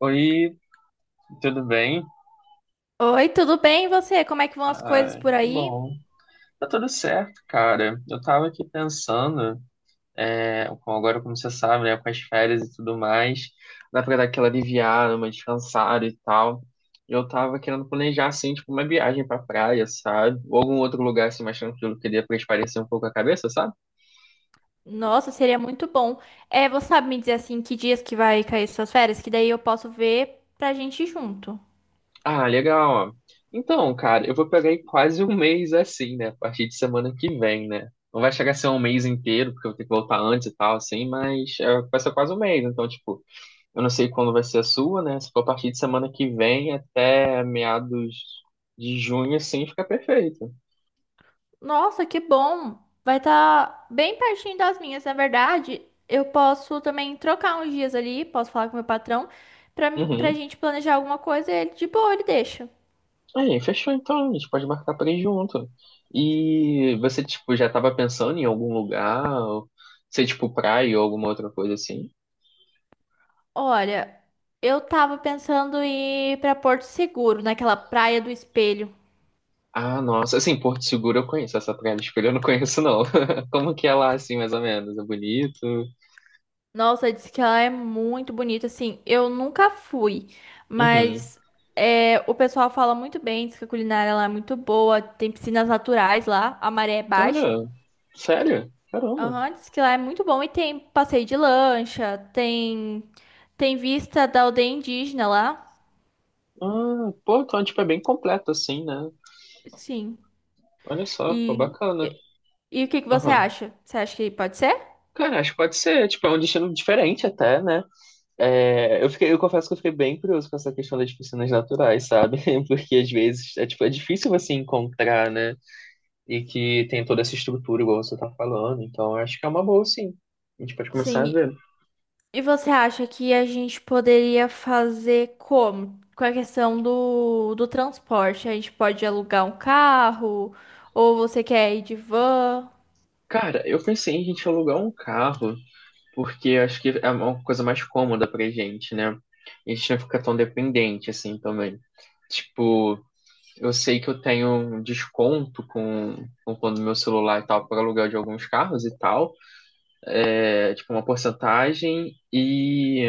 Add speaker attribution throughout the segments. Speaker 1: Oi, tudo bem?
Speaker 2: Oi, tudo bem? E você? Como é que vão as coisas
Speaker 1: Ah,
Speaker 2: por
Speaker 1: que
Speaker 2: aí?
Speaker 1: bom. Tá tudo certo, cara. Eu tava aqui pensando, agora como você sabe, né, com as férias e tudo mais, dá pra dar aquela aliviada, uma descansada e tal. Eu tava querendo planejar, assim, tipo, uma viagem pra praia, sabe? Ou algum outro lugar, assim, mais tranquilo, que dê pra espairecer um pouco a cabeça, sabe?
Speaker 2: Nossa, seria muito bom. É, você sabe me dizer assim que dias que vai cair suas férias? Que daí eu posso ver pra gente ir junto.
Speaker 1: Ah, legal. Ó. Então, cara, eu vou pegar aí quase um mês assim, né? A partir de semana que vem, né? Não vai chegar a ser um mês inteiro, porque eu vou ter que voltar antes e tal, assim, mas é, vai ser quase um mês. Então, tipo, eu não sei quando vai ser a sua, né? Se for a partir de semana que vem até meados de junho, assim, fica perfeito.
Speaker 2: Nossa, que bom! Vai estar bem pertinho das minhas, na verdade. Eu posso também trocar uns dias ali, posso falar com meu patrão pra
Speaker 1: Uhum.
Speaker 2: gente planejar alguma coisa e ele de boa, ele deixa.
Speaker 1: Aí, fechou então, a gente pode marcar pra ir junto. E você, tipo, já tava pensando em algum lugar? Ou, sei, tipo, praia ou alguma outra coisa assim?
Speaker 2: Olha, eu tava pensando em ir pra Porto Seguro, naquela Praia do Espelho.
Speaker 1: Ah, nossa, assim, Porto Seguro eu conheço, essa Praia do Espelho eu não conheço, não. Como que é lá, assim, mais ou menos? É bonito?
Speaker 2: Nossa, disse que ela é muito bonita. Assim, eu nunca fui,
Speaker 1: Uhum.
Speaker 2: mas é, o pessoal fala muito bem. Diz que a culinária lá é muito boa. Tem piscinas naturais lá, a maré é baixa.
Speaker 1: Olha, sério? Caramba.
Speaker 2: Aham, diz que lá é muito bom. E tem passeio de lancha, tem vista da aldeia indígena lá.
Speaker 1: Ah, pô, então, tipo, é bem completo, assim, né?
Speaker 2: Sim.
Speaker 1: Olha só, pô,
Speaker 2: E,
Speaker 1: bacana.
Speaker 2: e o que que você
Speaker 1: Aham.
Speaker 2: acha? Você acha que pode ser?
Speaker 1: Cara, acho que pode ser, tipo, é um destino diferente até, né? É, eu confesso que eu fiquei bem curioso com essa questão das piscinas naturais, sabe? Porque às vezes, é, tipo, é difícil você encontrar, né? E que tem toda essa estrutura, igual você tá falando. Então, eu acho que é uma boa, sim. A gente pode começar a
Speaker 2: Sim.
Speaker 1: ver.
Speaker 2: E você acha que a gente poderia fazer como? Com a questão do transporte? A gente pode alugar um carro? Ou você quer ir de van?
Speaker 1: Cara, eu pensei em a gente alugar um carro, porque eu acho que é uma coisa mais cômoda pra gente, né? A gente não fica tão dependente assim também. Tipo, eu sei que eu tenho um desconto com quando meu celular e tal para aluguel de alguns carros e tal. É tipo uma porcentagem e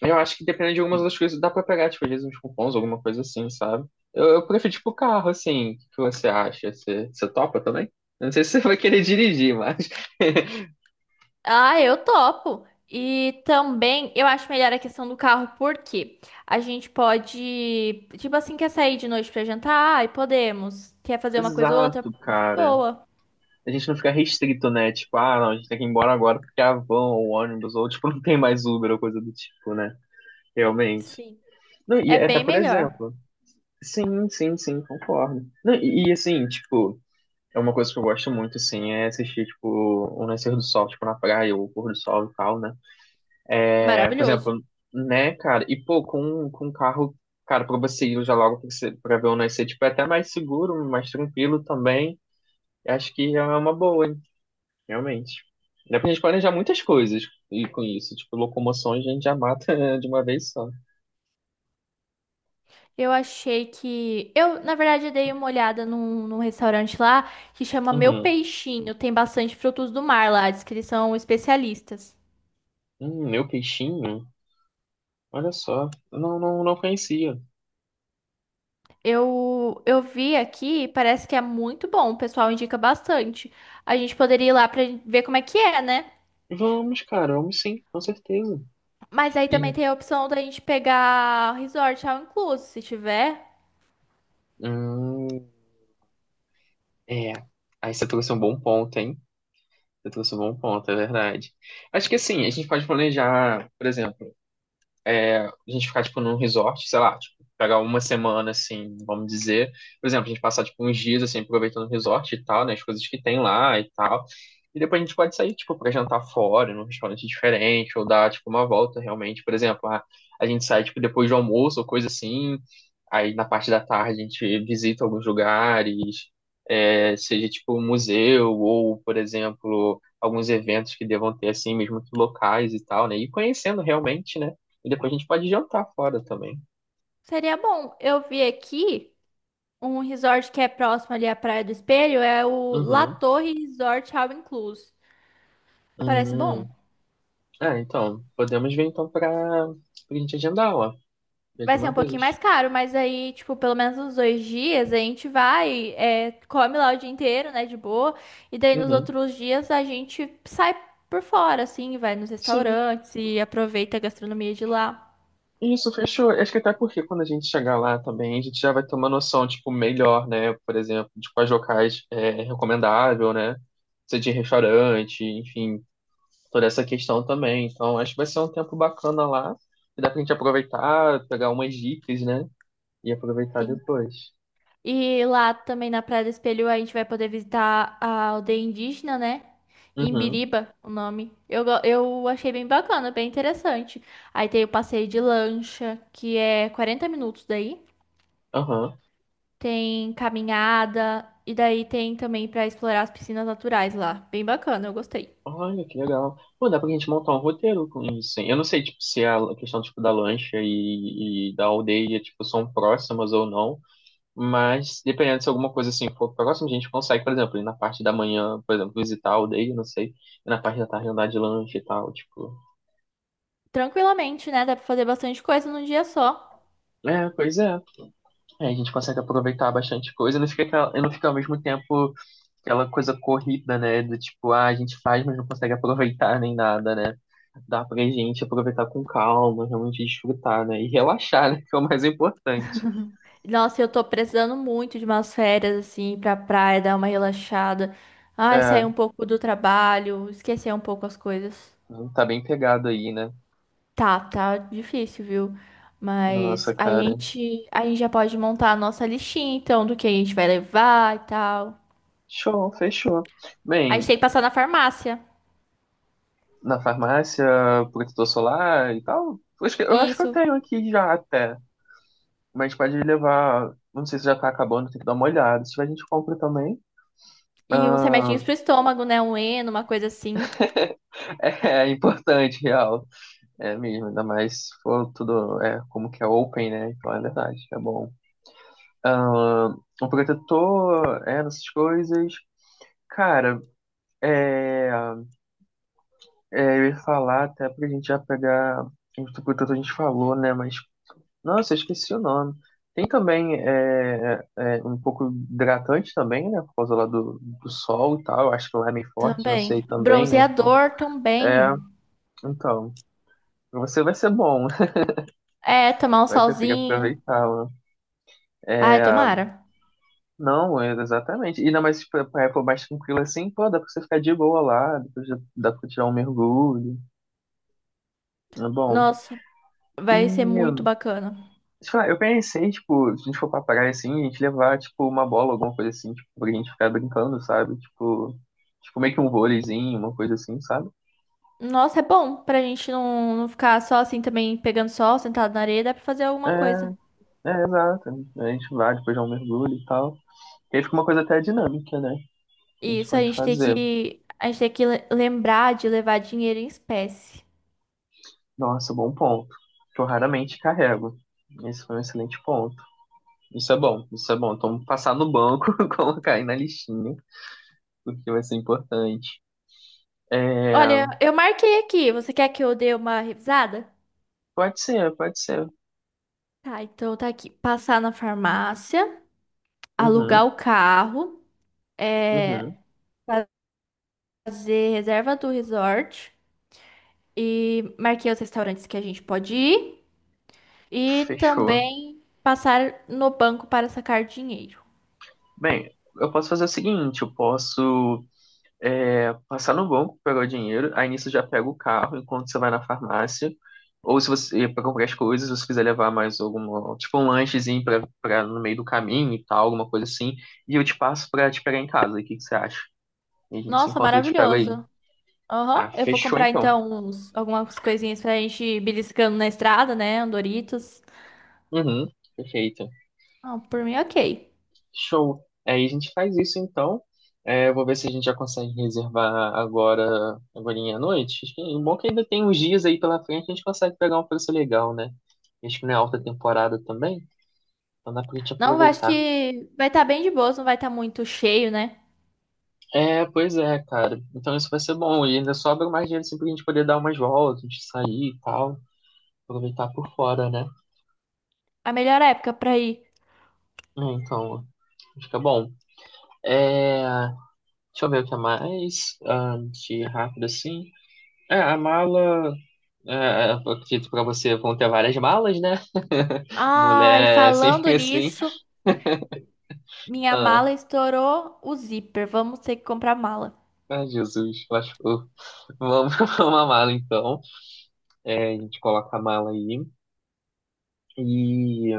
Speaker 1: eu acho que dependendo de algumas das coisas, dá pra pegar, tipo, às vezes uns cupons, alguma coisa assim, sabe? Eu prefiro, tipo, carro, assim. O que que você acha? Você topa também? Eu não sei se você vai querer dirigir, mas.
Speaker 2: Ah, eu topo! E também eu acho melhor a questão do carro, porque a gente pode, tipo assim, quer sair de noite pra jantar? Ai, podemos. Quer fazer uma coisa ou outra?
Speaker 1: Exato,
Speaker 2: De
Speaker 1: cara.
Speaker 2: boa.
Speaker 1: A gente não fica restrito, né? Tipo, ah, não, a gente tem que ir embora agora porque a van ou ônibus, ou, tipo, não tem mais Uber ou coisa do tipo, né? Realmente.
Speaker 2: Sim.
Speaker 1: Não, e
Speaker 2: É
Speaker 1: é até,
Speaker 2: bem
Speaker 1: por
Speaker 2: melhor.
Speaker 1: exemplo. Sim, sim, sim, concordo. Não, e, assim, tipo. É uma coisa que eu gosto muito, assim, é assistir, tipo, o nascer do sol, tipo, na praia, ou o pôr do sol e tal, né? Por
Speaker 2: Maravilhoso.
Speaker 1: exemplo, né, cara? E pô, com um carro, cara, pra você ir já logo pra, você, pra ver o nascer, tipo, é até mais seguro, mais tranquilo também. Eu acho que já é uma boa, hein? Realmente. Dá pra gente planejar muitas coisas e com isso. Tipo, locomoções a gente já mata de uma vez só.
Speaker 2: Eu achei que. Eu, na verdade, dei uma olhada num restaurante lá que chama Meu
Speaker 1: Uhum.
Speaker 2: Peixinho. Tem bastante frutos do mar lá, diz que eles são especialistas.
Speaker 1: Meu peixinho? Olha só. Não, não, não conhecia.
Speaker 2: Eu vi aqui, parece que é muito bom, o pessoal indica bastante. A gente poderia ir lá pra ver como é que é, né?
Speaker 1: Vamos, cara, vamos sim, com certeza.
Speaker 2: Mas aí também
Speaker 1: E,
Speaker 2: tem a opção da gente pegar resort ao incluso, se tiver.
Speaker 1: hum, é. Aí você trouxe um bom ponto, hein? Você trouxe um bom ponto, é verdade. Acho que assim, a gente pode planejar, por exemplo, a gente ficar, tipo, num resort, sei lá, tipo, pegar uma semana, assim, vamos dizer. Por exemplo, a gente passar, tipo, uns dias, assim, aproveitando o resort e tal, né? As coisas que tem lá e tal. E depois a gente pode sair, tipo, pra jantar fora, num restaurante diferente, ou dar, tipo, uma volta, realmente. Por exemplo, a gente sai, tipo, depois do almoço ou coisa assim. Aí, na parte da tarde, a gente visita alguns lugares, é, seja, tipo, um museu ou, por exemplo alguns eventos que devam ter assim, mesmo que locais e tal, né? E conhecendo realmente, né? E depois a gente pode jantar fora também.
Speaker 2: Seria bom. Eu vi aqui um resort que é próximo ali à Praia do Espelho, é o La
Speaker 1: Uhum.
Speaker 2: Torre Resort ao Inclusive. Parece bom.
Speaker 1: Hum. É, então, podemos ver então pra gente agendar, ó. Já de
Speaker 2: Vai ser
Speaker 1: uma
Speaker 2: um pouquinho
Speaker 1: vez.
Speaker 2: mais caro, mas aí, tipo, pelo menos uns dois dias a gente vai, é, come lá o dia inteiro, né, de boa. E daí nos
Speaker 1: Uhum.
Speaker 2: outros dias a gente sai por fora, assim, vai nos
Speaker 1: Sim,
Speaker 2: restaurantes e aproveita a gastronomia de lá.
Speaker 1: isso, fechou. Acho que até porque quando a gente chegar lá também, a gente já vai ter uma noção, tipo, melhor, né? Por exemplo, de quais locais é recomendável, né? Se é de restaurante, enfim, toda essa questão também. Então, acho que vai ser um tempo bacana lá. E dá pra gente aproveitar, pegar umas dicas, né? E aproveitar
Speaker 2: Sim.
Speaker 1: depois.
Speaker 2: E lá também na Praia do Espelho a gente vai poder visitar a aldeia indígena, né?
Speaker 1: Uhum,
Speaker 2: Imbiriba, o nome. Eu achei bem bacana, bem interessante. Aí tem o passeio de lancha, que é 40 minutos daí.
Speaker 1: aham.
Speaker 2: Tem caminhada e daí tem também pra explorar as piscinas naturais lá. Bem bacana, eu gostei.
Speaker 1: Olha, que legal. Pô, dá pra gente montar um roteiro com isso, hein? Eu não sei, tipo, se é a questão, tipo, da lancha e da aldeia, tipo, são próximas ou não, mas dependendo se alguma coisa, assim, for próxima, a gente consegue, por exemplo, ir na parte da manhã, por exemplo, visitar a aldeia, não sei, e na parte da tarde andar de lancha e tal, tipo.
Speaker 2: Tranquilamente, né? Dá pra fazer bastante coisa num dia só.
Speaker 1: É, pois é. Aí a gente consegue aproveitar bastante coisa, não fica aquela, e não fica ao mesmo tempo aquela coisa corrida, né? Do tipo, ah, a gente faz, mas não consegue aproveitar nem nada, né? Dá pra gente aproveitar com calma, realmente desfrutar, né? E relaxar, né? Que é o mais importante.
Speaker 2: Nossa, eu tô precisando muito de umas férias assim pra praia, dar uma relaxada. Ai, sair
Speaker 1: É,
Speaker 2: um pouco do trabalho, esquecer um pouco as coisas.
Speaker 1: tá bem pegado aí, né?
Speaker 2: Tá difícil, viu?
Speaker 1: Nossa,
Speaker 2: Mas a
Speaker 1: cara.
Speaker 2: gente, a gente já pode montar a nossa listinha, então, do que a gente vai levar e tal.
Speaker 1: Show, fechou.
Speaker 2: A gente
Speaker 1: Bem,
Speaker 2: tem que passar na farmácia.
Speaker 1: na farmácia, protetor solar e tal. Eu acho que eu
Speaker 2: Isso.
Speaker 1: tenho aqui já até. Mas pode levar. Não sei se já tá acabando, tem que dar uma olhada. Se tiver, a gente compra também.
Speaker 2: E uns
Speaker 1: Ah,
Speaker 2: remedinhos pro estômago, né? Um Eno, uma coisa assim
Speaker 1: é importante, real. É mesmo, ainda mais se for tudo como que é open, né? Então é verdade, é bom. Ah, um protetor, essas coisas. Cara, é, eu ia falar até pra gente já pegar. O protetor a gente falou, né? Mas, nossa, eu esqueci o nome. Tem também um pouco hidratante também, né? Por causa lá do sol e tal. Eu acho que lá é meio forte, não sei
Speaker 2: também.
Speaker 1: também, né?
Speaker 2: Bronzeador
Speaker 1: É,
Speaker 2: também.
Speaker 1: então, pra você vai ser bom,
Speaker 2: É, tomar um
Speaker 1: vai conseguir
Speaker 2: solzinho.
Speaker 1: aproveitar,
Speaker 2: Ai,
Speaker 1: né?
Speaker 2: tomara.
Speaker 1: Não, exatamente. E ainda mais tipo, pra época mais tranquila assim, pô, dá pra você ficar de boa lá, depois já dá pra tirar um mergulho. É bom.
Speaker 2: Nossa,
Speaker 1: E,
Speaker 2: vai ser muito bacana.
Speaker 1: sei lá, eu pensei, tipo, se a gente for pra praia assim, a gente levar, tipo, uma bola, alguma coisa assim, tipo, pra gente ficar brincando, sabe? Tipo, meio que um vôleizinho, uma coisa assim, sabe?
Speaker 2: Nossa, é bom pra gente não, não ficar só assim também pegando sol, sentado na areia, dá pra fazer
Speaker 1: É,
Speaker 2: alguma coisa.
Speaker 1: é, exato. A gente vai, depois dá um mergulho e tal. E aí fica uma coisa até dinâmica, né? A
Speaker 2: E
Speaker 1: gente
Speaker 2: isso a
Speaker 1: pode
Speaker 2: gente tem
Speaker 1: fazer.
Speaker 2: que lembrar de levar dinheiro em espécie.
Speaker 1: Nossa, bom ponto. Que eu raramente carrego. Esse foi um excelente ponto. Isso é bom, isso é bom. Então, passar no banco, colocar aí na listinha, porque vai ser importante. É,
Speaker 2: Olha, eu marquei aqui. Você quer que eu dê uma revisada?
Speaker 1: pode ser, pode ser.
Speaker 2: Tá, então tá aqui. Passar na farmácia,
Speaker 1: Uhum,
Speaker 2: alugar o carro. É,
Speaker 1: uhum.
Speaker 2: fazer reserva do resort e marquei os restaurantes que a gente pode ir e
Speaker 1: Fechou.
Speaker 2: também passar no banco para sacar dinheiro.
Speaker 1: Bem, eu posso fazer o seguinte, eu posso passar no banco, pegar o dinheiro, aí nisso eu já pego o carro enquanto você vai na farmácia, ou se você, para comprar as coisas, se você quiser levar mais alguma, tipo um lanchezinho pra, no meio do caminho e tal, alguma coisa assim, e eu te passo pra te pegar em casa, o que que você acha? E a gente se
Speaker 2: Nossa,
Speaker 1: encontra e eu te pego aí.
Speaker 2: maravilhoso. Aham,
Speaker 1: Ah,
Speaker 2: eu vou
Speaker 1: fechou
Speaker 2: comprar
Speaker 1: então.
Speaker 2: então uns, algumas coisinhas pra gente ir beliscando na estrada, né? Um Doritos.
Speaker 1: Uhum, perfeito.
Speaker 2: Não, por mim, ok.
Speaker 1: Show. Aí a gente faz isso então. É, eu vou ver se a gente já consegue reservar agora, agorinha à noite. O bom é que ainda tem uns dias aí pela frente, a gente consegue pegar um preço legal, né? Acho que não é alta temporada também, então dá pra gente
Speaker 2: Não, eu acho
Speaker 1: aproveitar.
Speaker 2: que vai estar bem de boas, não vai estar muito cheio, né?
Speaker 1: É, pois é, cara. Então isso vai ser bom. E ainda sobra mais dinheiro assim pra gente poder dar umas voltas, a gente sair e tal. Aproveitar por fora, né?
Speaker 2: A melhor época pra ir.
Speaker 1: É, então, fica bom. É, deixa eu ver o que é mais. Ah, de rápido assim. É, a mala. É, eu acredito pra você vão ter várias malas, né?
Speaker 2: Ai,
Speaker 1: Mulher é
Speaker 2: falando
Speaker 1: sempre assim.
Speaker 2: nisso. Minha
Speaker 1: Ah,
Speaker 2: mala estourou o zíper. Vamos ter que comprar mala.
Speaker 1: ai, Jesus, lascou. Vamos comprar uma mala então. É, a gente coloca a mala aí. E.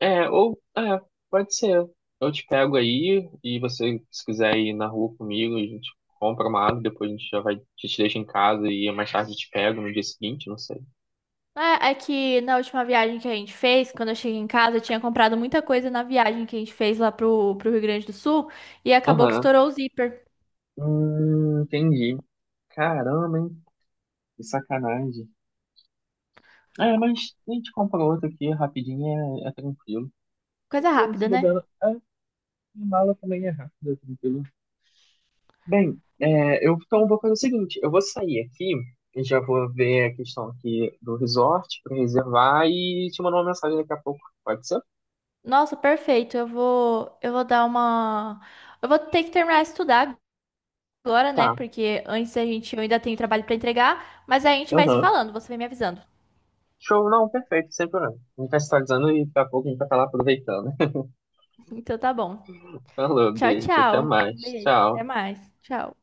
Speaker 1: É, ou. É, pode ser. Eu te pego aí e você, se quiser ir na rua comigo, a gente compra uma mala, depois a gente já vai, a gente deixa em casa e mais tarde eu te pego no dia seguinte, não sei.
Speaker 2: É, é que na última viagem que a gente fez, quando eu cheguei em casa, eu tinha comprado muita coisa na viagem que a gente fez lá pro Rio Grande do Sul e acabou que
Speaker 1: Aham.
Speaker 2: estourou o zíper.
Speaker 1: Entendi. Caramba, hein? Que sacanagem. É, mas a gente compra outro aqui rapidinho, é tranquilo. Mas
Speaker 2: Coisa
Speaker 1: também se
Speaker 2: rápida,
Speaker 1: bobear,
Speaker 2: né?
Speaker 1: a minha mala também é rápida, tranquilo. Bem, então vou fazer o seguinte, eu vou sair aqui, e já vou ver a questão aqui do resort para reservar e te mandar uma mensagem daqui a pouco, pode ser?
Speaker 2: Nossa, perfeito. Eu vou dar uma. Eu vou ter que terminar de estudar agora, né?
Speaker 1: Tá,
Speaker 2: Porque antes a gente eu ainda tenho trabalho pra entregar, mas a gente vai se
Speaker 1: aham.
Speaker 2: falando, você vai me avisando.
Speaker 1: Show, não, perfeito, sem problema. A gente vai se atualizando e daqui a pouco a gente vai estar lá aproveitando.
Speaker 2: Então tá bom.
Speaker 1: Falou,
Speaker 2: Tchau,
Speaker 1: beijo, até
Speaker 2: tchau.
Speaker 1: mais,
Speaker 2: Beijo, até
Speaker 1: tchau.
Speaker 2: mais. Tchau.